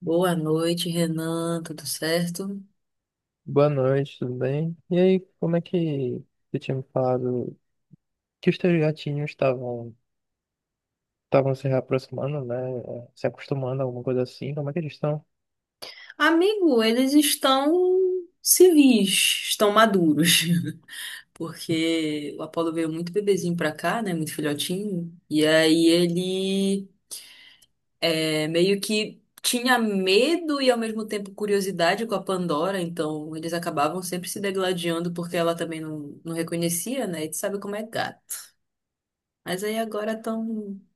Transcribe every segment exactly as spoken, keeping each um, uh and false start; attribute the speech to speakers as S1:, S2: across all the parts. S1: Boa noite, Renan. Tudo certo?
S2: Boa noite, tudo bem? E aí, como é que você tinha me falado que os teus gatinhos estavam estavam se reaproximando, né? eh, Se acostumando a alguma coisa assim? Como é que eles estão?
S1: Amigo, eles estão civis, estão maduros. Porque o Apolo veio muito bebezinho pra cá, né? Muito filhotinho. E aí ele é, meio que tinha medo e ao mesmo tempo curiosidade com a Pandora. Então eles acabavam sempre se degladiando porque ela também não, não reconhecia, né? E tu sabe como é gato. Mas aí agora estão tão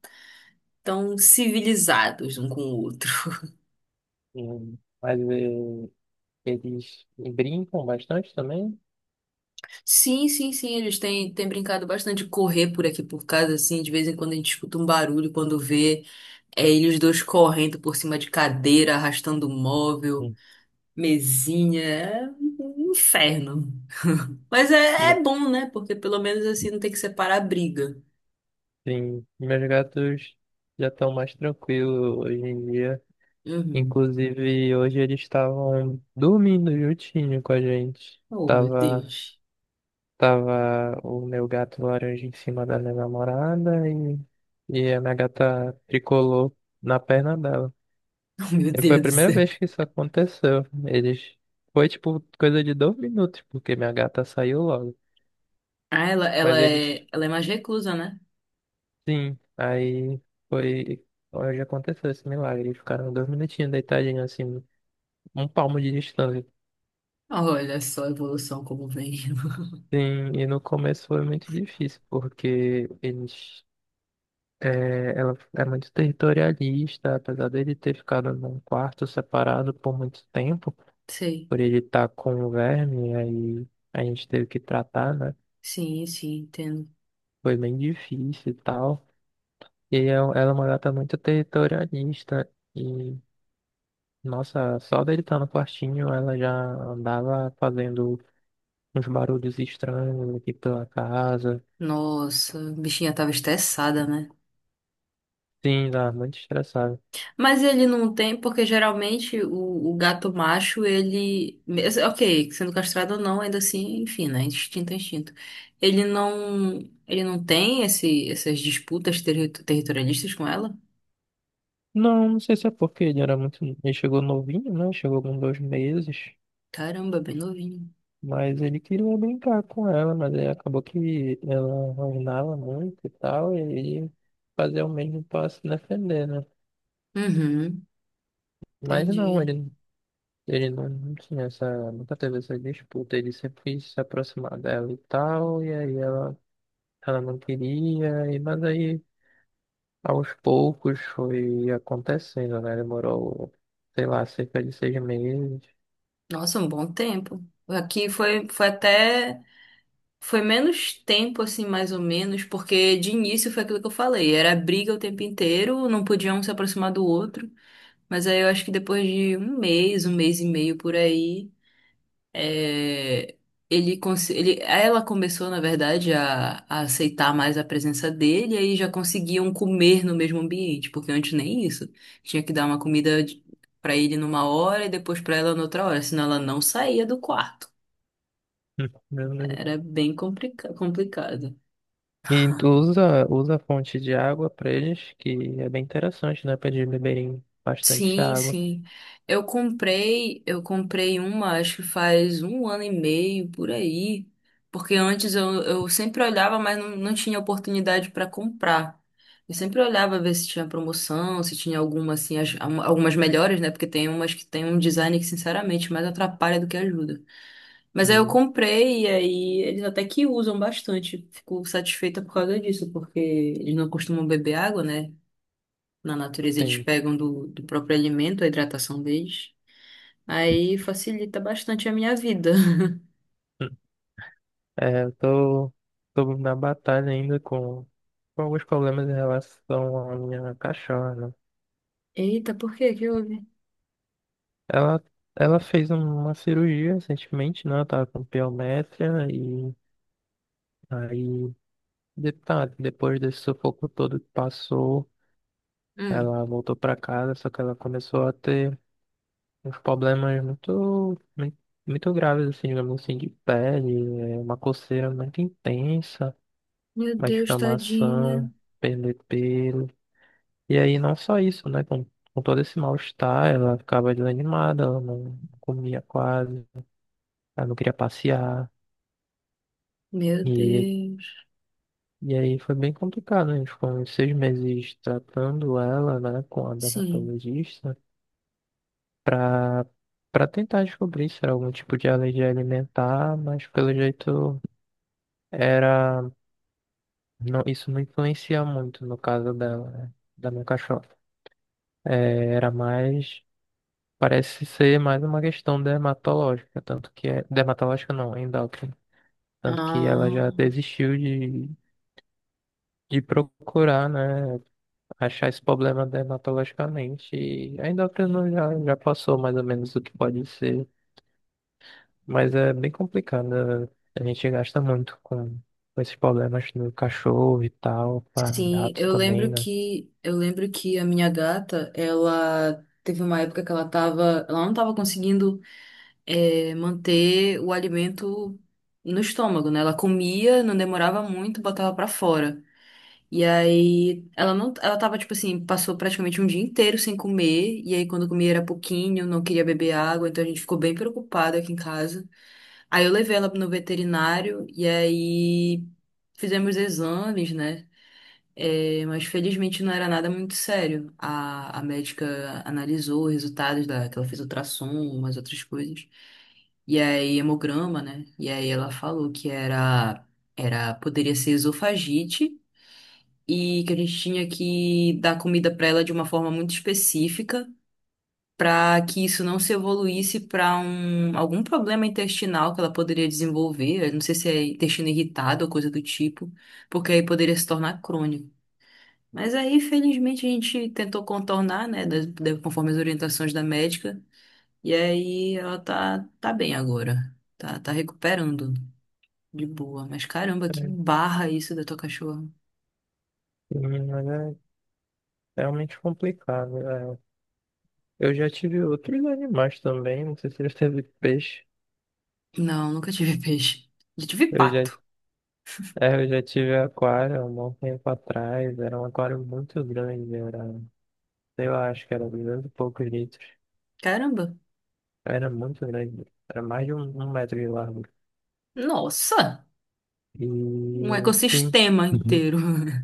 S1: tão civilizados um com o outro.
S2: Hum, Mas eh, eles brincam bastante também?
S1: Sim, sim, sim, eles têm, têm brincado bastante de correr por aqui por casa, assim, de vez em quando a gente escuta um barulho, quando vê, é eles dois correndo por cima de cadeira, arrastando móvel,
S2: Hum.
S1: mesinha, é um inferno. Mas é,
S2: Me-
S1: é bom, né? Porque pelo menos assim não tem que separar a briga.
S2: Sim, meus gatos já estão mais tranquilos hoje em dia.
S1: Uhum.
S2: Inclusive, hoje eles estavam dormindo juntinho com a gente.
S1: Oh, meu
S2: Tava
S1: Deus.
S2: Tava o meu gato laranja em cima da minha namorada e, e a minha gata tricolou na perna dela.
S1: Oh, meu
S2: E foi a
S1: Deus do
S2: primeira
S1: céu.
S2: vez que isso aconteceu. Eles. Foi tipo coisa de dois minutos, porque minha gata saiu logo.
S1: Ah, ela,
S2: Mas
S1: ela
S2: eles.
S1: é, ela é mais reclusa, né?
S2: Sim, aí foi. Hoje aconteceu esse milagre. Eles ficaram dois minutinhos deitadinhos assim, um palmo de distância.
S1: Olha só a evolução como vem.
S2: Sim, e no começo foi muito difícil, porque eles é, ela é muito territorialista, apesar dele ter ficado num quarto separado por muito tempo,
S1: Sei.
S2: por ele estar com o verme, aí a gente teve que tratar, né?
S1: Sim, sim, entendo.
S2: Foi bem difícil e tal. E é- um, ela é uma gata muito territorialista, e nossa, só dele estar no quartinho, ela já andava fazendo uns barulhos estranhos aqui pela casa.
S1: Nossa, a bichinha tava estressada, né?
S2: Sim, tá muito estressada.
S1: Mas ele não tem, porque geralmente o, o gato macho, ele. mes- Ok, sendo castrado ou não, ainda assim, enfim, né? Instinto é instinto. Ele não. Ele não tem esse, essas disputas terri- territorialistas com ela?
S2: Não, não sei se é porque ele era muito. Ele chegou novinho, né? Chegou com dois meses.
S1: Caramba, bem novinho.
S2: Mas ele queria brincar com ela, mas aí acabou que ela rosnava muito e tal, e ele fazia o mesmo para se defender, né?
S1: Uhum,
S2: Mas não,
S1: entendi.
S2: ele, ele não, não tinha essa, nunca teve essa disputa, ele sempre quis se aproximar dela e tal, e aí ela, ela não queria, e, mas aí aos poucos foi acontecendo, né? Demorou, sei lá, cerca de seis meses.
S1: Nossa, um bom tempo. Aqui foi, foi até. Foi menos tempo, assim, mais ou menos, porque de início foi aquilo que eu falei, era briga o tempo inteiro, não podia um se aproximar do outro, mas aí eu acho que depois de um mês, um mês e meio por aí, é, ele, cons- ele, ela começou, na verdade, a, a aceitar mais a presença dele, e aí já conseguiam comer no mesmo ambiente, porque antes nem isso, tinha que dar uma comida de- pra ele numa hora e depois pra ela noutra hora, senão ela não saía do quarto. Era bem complica- complicado.
S2: E tu usa, usa a fonte de água para eles, que é bem interessante, né? Para eles beberem bastante
S1: Sim,
S2: água.
S1: sim. Eu comprei, eu comprei uma, acho que faz um ano e meio por aí, porque antes eu, eu sempre olhava, mas não, não tinha oportunidade para comprar. Eu sempre olhava ver se tinha promoção, se tinha alguma assim, as- al- algumas melhores, né? Porque tem umas que tem um design que, sinceramente, mais atrapalha do que ajuda. Mas aí eu
S2: Hum.
S1: comprei e aí eles até que usam bastante. Fico satisfeita por causa disso, porque eles não costumam beber água, né? Na natureza eles
S2: Sim.
S1: pegam do, do próprio alimento, a hidratação deles. Aí facilita bastante a minha vida.
S2: Hum. É, eu tô, tô na batalha ainda com, com alguns problemas em relação à minha cachorra, né?
S1: Eita, por que que houve?
S2: Ela, ela fez uma cirurgia recentemente, né? Ela tava com piométria e aí, de- tá, depois desse sufoco todo que passou,
S1: Hum.
S2: ela voltou para casa, só que ela começou a ter uns problemas muito, muito, muito graves, assim, digamos assim, de pele, é, uma coceira muito intensa,
S1: Meu
S2: uma
S1: Deus, tadinha.
S2: descamação, perder pelo. E aí não só isso, né? Com, com todo esse mal-estar, ela ficava desanimada, ela não comia quase, ela não queria passear.
S1: Meu
S2: E,
S1: Deus.
S2: e aí foi bem complicado, né? A gente ficou uns seis meses tratando ela, né, com a
S1: Sim.
S2: dermatologista, pra, pra tentar descobrir se era algum tipo de alergia alimentar, mas pelo jeito. Era, não, isso não influencia muito no caso dela, né? Da minha cachorra. É, era mais, parece ser mais uma questão dermatológica, tanto que é, dermatológica não, endócrina. Tanto que ela já
S1: Ah,
S2: desistiu de, de procurar, né? Achar esse problema dermatologicamente. E a endócrina já, já passou mais ou menos o que pode ser, mas é bem complicado, né? A gente gasta muito com, com esses problemas no cachorro e tal, para
S1: sim,
S2: gatos
S1: eu
S2: também,
S1: lembro
S2: né?
S1: que eu lembro que a minha gata, ela teve uma época que ela tava, ela não tava conseguindo eh, manter o alimento no estômago, né? Ela comia, não demorava muito, botava pra fora. E aí, ela não, ela tava, tipo assim, passou praticamente um dia inteiro sem comer, e aí quando comia era pouquinho, não queria beber água, então a gente ficou bem preocupada aqui em casa. Aí eu levei ela no veterinário, e aí fizemos exames, né? É, mas felizmente não era nada muito sério. A, a médica analisou os resultados da, que ela fez ultrassom, umas outras coisas. E aí, hemograma, né? E aí ela falou que era, era, poderia ser esofagite, e que a gente tinha que dar comida para ela de uma forma muito específica, para que isso não se evoluísse para um, algum problema intestinal que ela poderia desenvolver. Eu não sei se é intestino irritado ou coisa do tipo, porque aí poderia se tornar crônico. Mas aí, felizmente, a gente tentou contornar, né, da- da- conforme as orientações da médica, e aí ela tá, tá bem agora. Tá, tá recuperando de boa. Mas caramba, que barra isso da tua cachorra.
S2: Sim, mas é realmente complicado. É. Eu já tive outros animais também, não sei se já teve peixe.
S1: Não, nunca tive peixe. Já tive
S2: Eu já,
S1: pato.
S2: é, eu já tive aquário há um bom tempo atrás, era um aquário muito grande, era, sei lá, acho que era duzentos e poucos litros.
S1: Caramba.
S2: Era muito grande, era mais de um, um metro de largo.
S1: Nossa, um
S2: E sim.
S1: ecossistema
S2: Uhum.
S1: inteiro.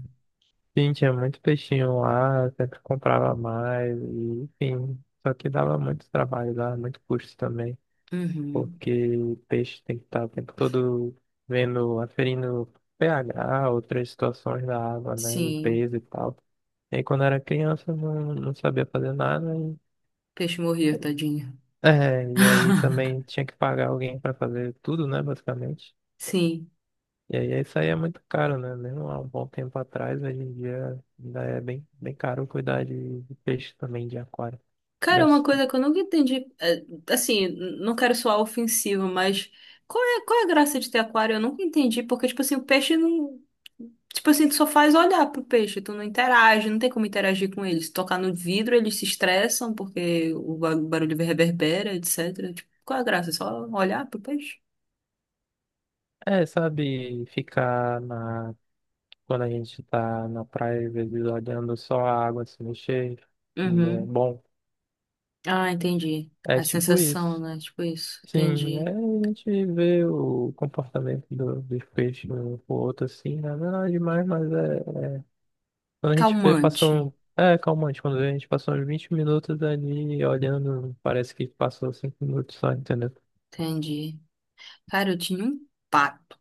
S2: Sim, tinha muito peixinho lá, sempre comprava mais, e, enfim. Só que dava muito trabalho, dava muito custo também,
S1: Uhum.
S2: porque o peixe tem que estar o tempo todo vendo, aferindo pH, outras situações da água, né,
S1: Sim,
S2: limpeza e tal. E aí, quando era criança, não, não sabia fazer nada. E,
S1: peixe morria, tadinho.
S2: é, e aí também tinha que pagar alguém para fazer tudo, né, basicamente.
S1: Sim.
S2: E aí isso aí é muito caro, né? Mesmo há um bom tempo atrás, hoje em dia ainda é bem, bem caro cuidar de, de peixe também de aquário.
S1: Cara,
S2: Deve,
S1: uma
S2: s-
S1: coisa que eu nunca entendi, é, assim, n- não quero soar ofensivo, mas qual é, qual é a graça de ter aquário? Eu nunca entendi, porque, tipo assim, o peixe não. Tipo assim, tu só faz olhar pro peixe, tu não interage, não tem como interagir com eles. Tocar no vidro, eles se estressam porque o ba- barulho reverbera, etecetera. Tipo, qual é a graça? Só olhar pro peixe?
S2: é, sabe, ficar na quando a gente tá na praia, às vezes olhando só a água se mexer, e é
S1: Uhum.
S2: bom.
S1: Ah, entendi.
S2: É
S1: A
S2: tipo
S1: sensação,
S2: isso.
S1: né? Tipo isso.
S2: Sim, é,
S1: Entendi.
S2: a gente vê o comportamento do, dos peixes um pro outro assim, né? Não é nada demais, mas é. Quando a gente vê, passou.
S1: Calmante.
S2: um- É calmante, quando a gente passou uns vinte minutos ali olhando, parece que passou cinco minutos só, entendeu?
S1: Entendi. Cara, eu tinha um pato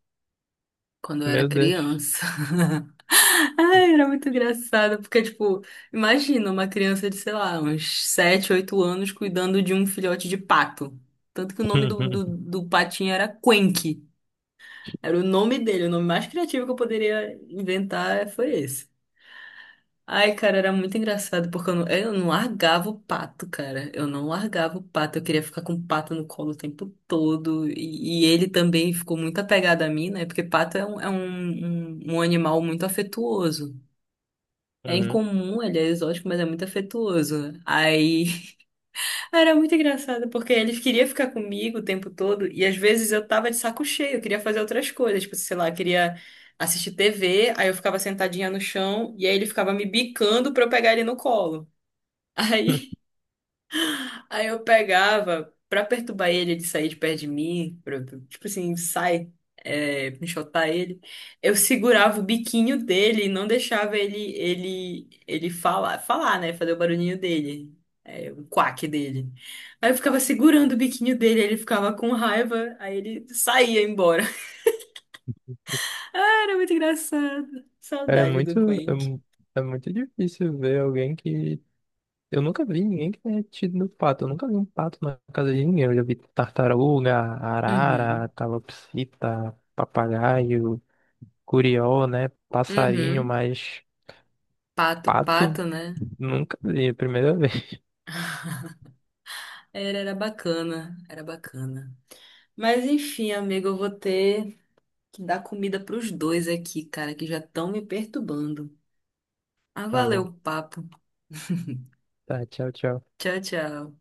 S1: quando eu era
S2: Meu Deus.
S1: criança. Ai, era muito engraçado, porque, tipo, imagina uma criança de, sei lá, uns sete, oito anos cuidando de um filhote de pato. Tanto que o nome do, do, do patinho era Quenque. Era o nome dele, o nome mais criativo que eu poderia inventar foi esse. Ai, cara, era muito engraçado, porque eu não, eu não largava o pato, cara. Eu não largava o pato. Eu queria ficar com o pato no colo o tempo todo. E, e ele também ficou muito apegado a mim, né? Porque pato é um, é um, um, um animal muito afetuoso. É
S2: Uhum.
S1: incomum, ele é exótico, mas é muito afetuoso. Aí era muito engraçado, porque eles queriam ficar comigo o tempo todo, e às vezes eu tava de saco cheio, eu queria fazer outras coisas, tipo, sei lá, eu queria assistir tê vê, aí eu ficava sentadinha no chão, e aí ele ficava me bicando pra eu pegar ele no colo. Aí Aí eu pegava, pra perturbar ele, ele sair de perto de mim, pra, pra- tipo assim, sai, é, me chotar ele. Eu segurava o biquinho dele e não deixava ele, ele, ele falar, falar, né? Fazer o barulhinho dele, é, o quack dele. Aí eu ficava segurando o biquinho dele, ele ficava com raiva, aí ele saía embora. Ah, era muito engraçado.
S2: É
S1: Saudade do
S2: muito, é,
S1: Quenk.
S2: mu- é muito difícil ver alguém que eu nunca vi ninguém que tenha tido no pato. Eu nunca vi um pato na casa de ninguém. Eu já vi tartaruga, arara,
S1: Uhum,
S2: calopsita, papagaio, curió, né? Passarinho,
S1: uhum.
S2: mas
S1: Pato,
S2: pato
S1: pato, né?
S2: nunca vi. É a primeira vez.
S1: Era era bacana, era bacana. Mas enfim, amigo, eu vou ter que dar comida pros dois aqui, cara, que já estão me perturbando. Ah,
S2: Tá
S1: valeu
S2: bom.
S1: o papo.
S2: Tá, tchau, tchau.
S1: Tchau, tchau.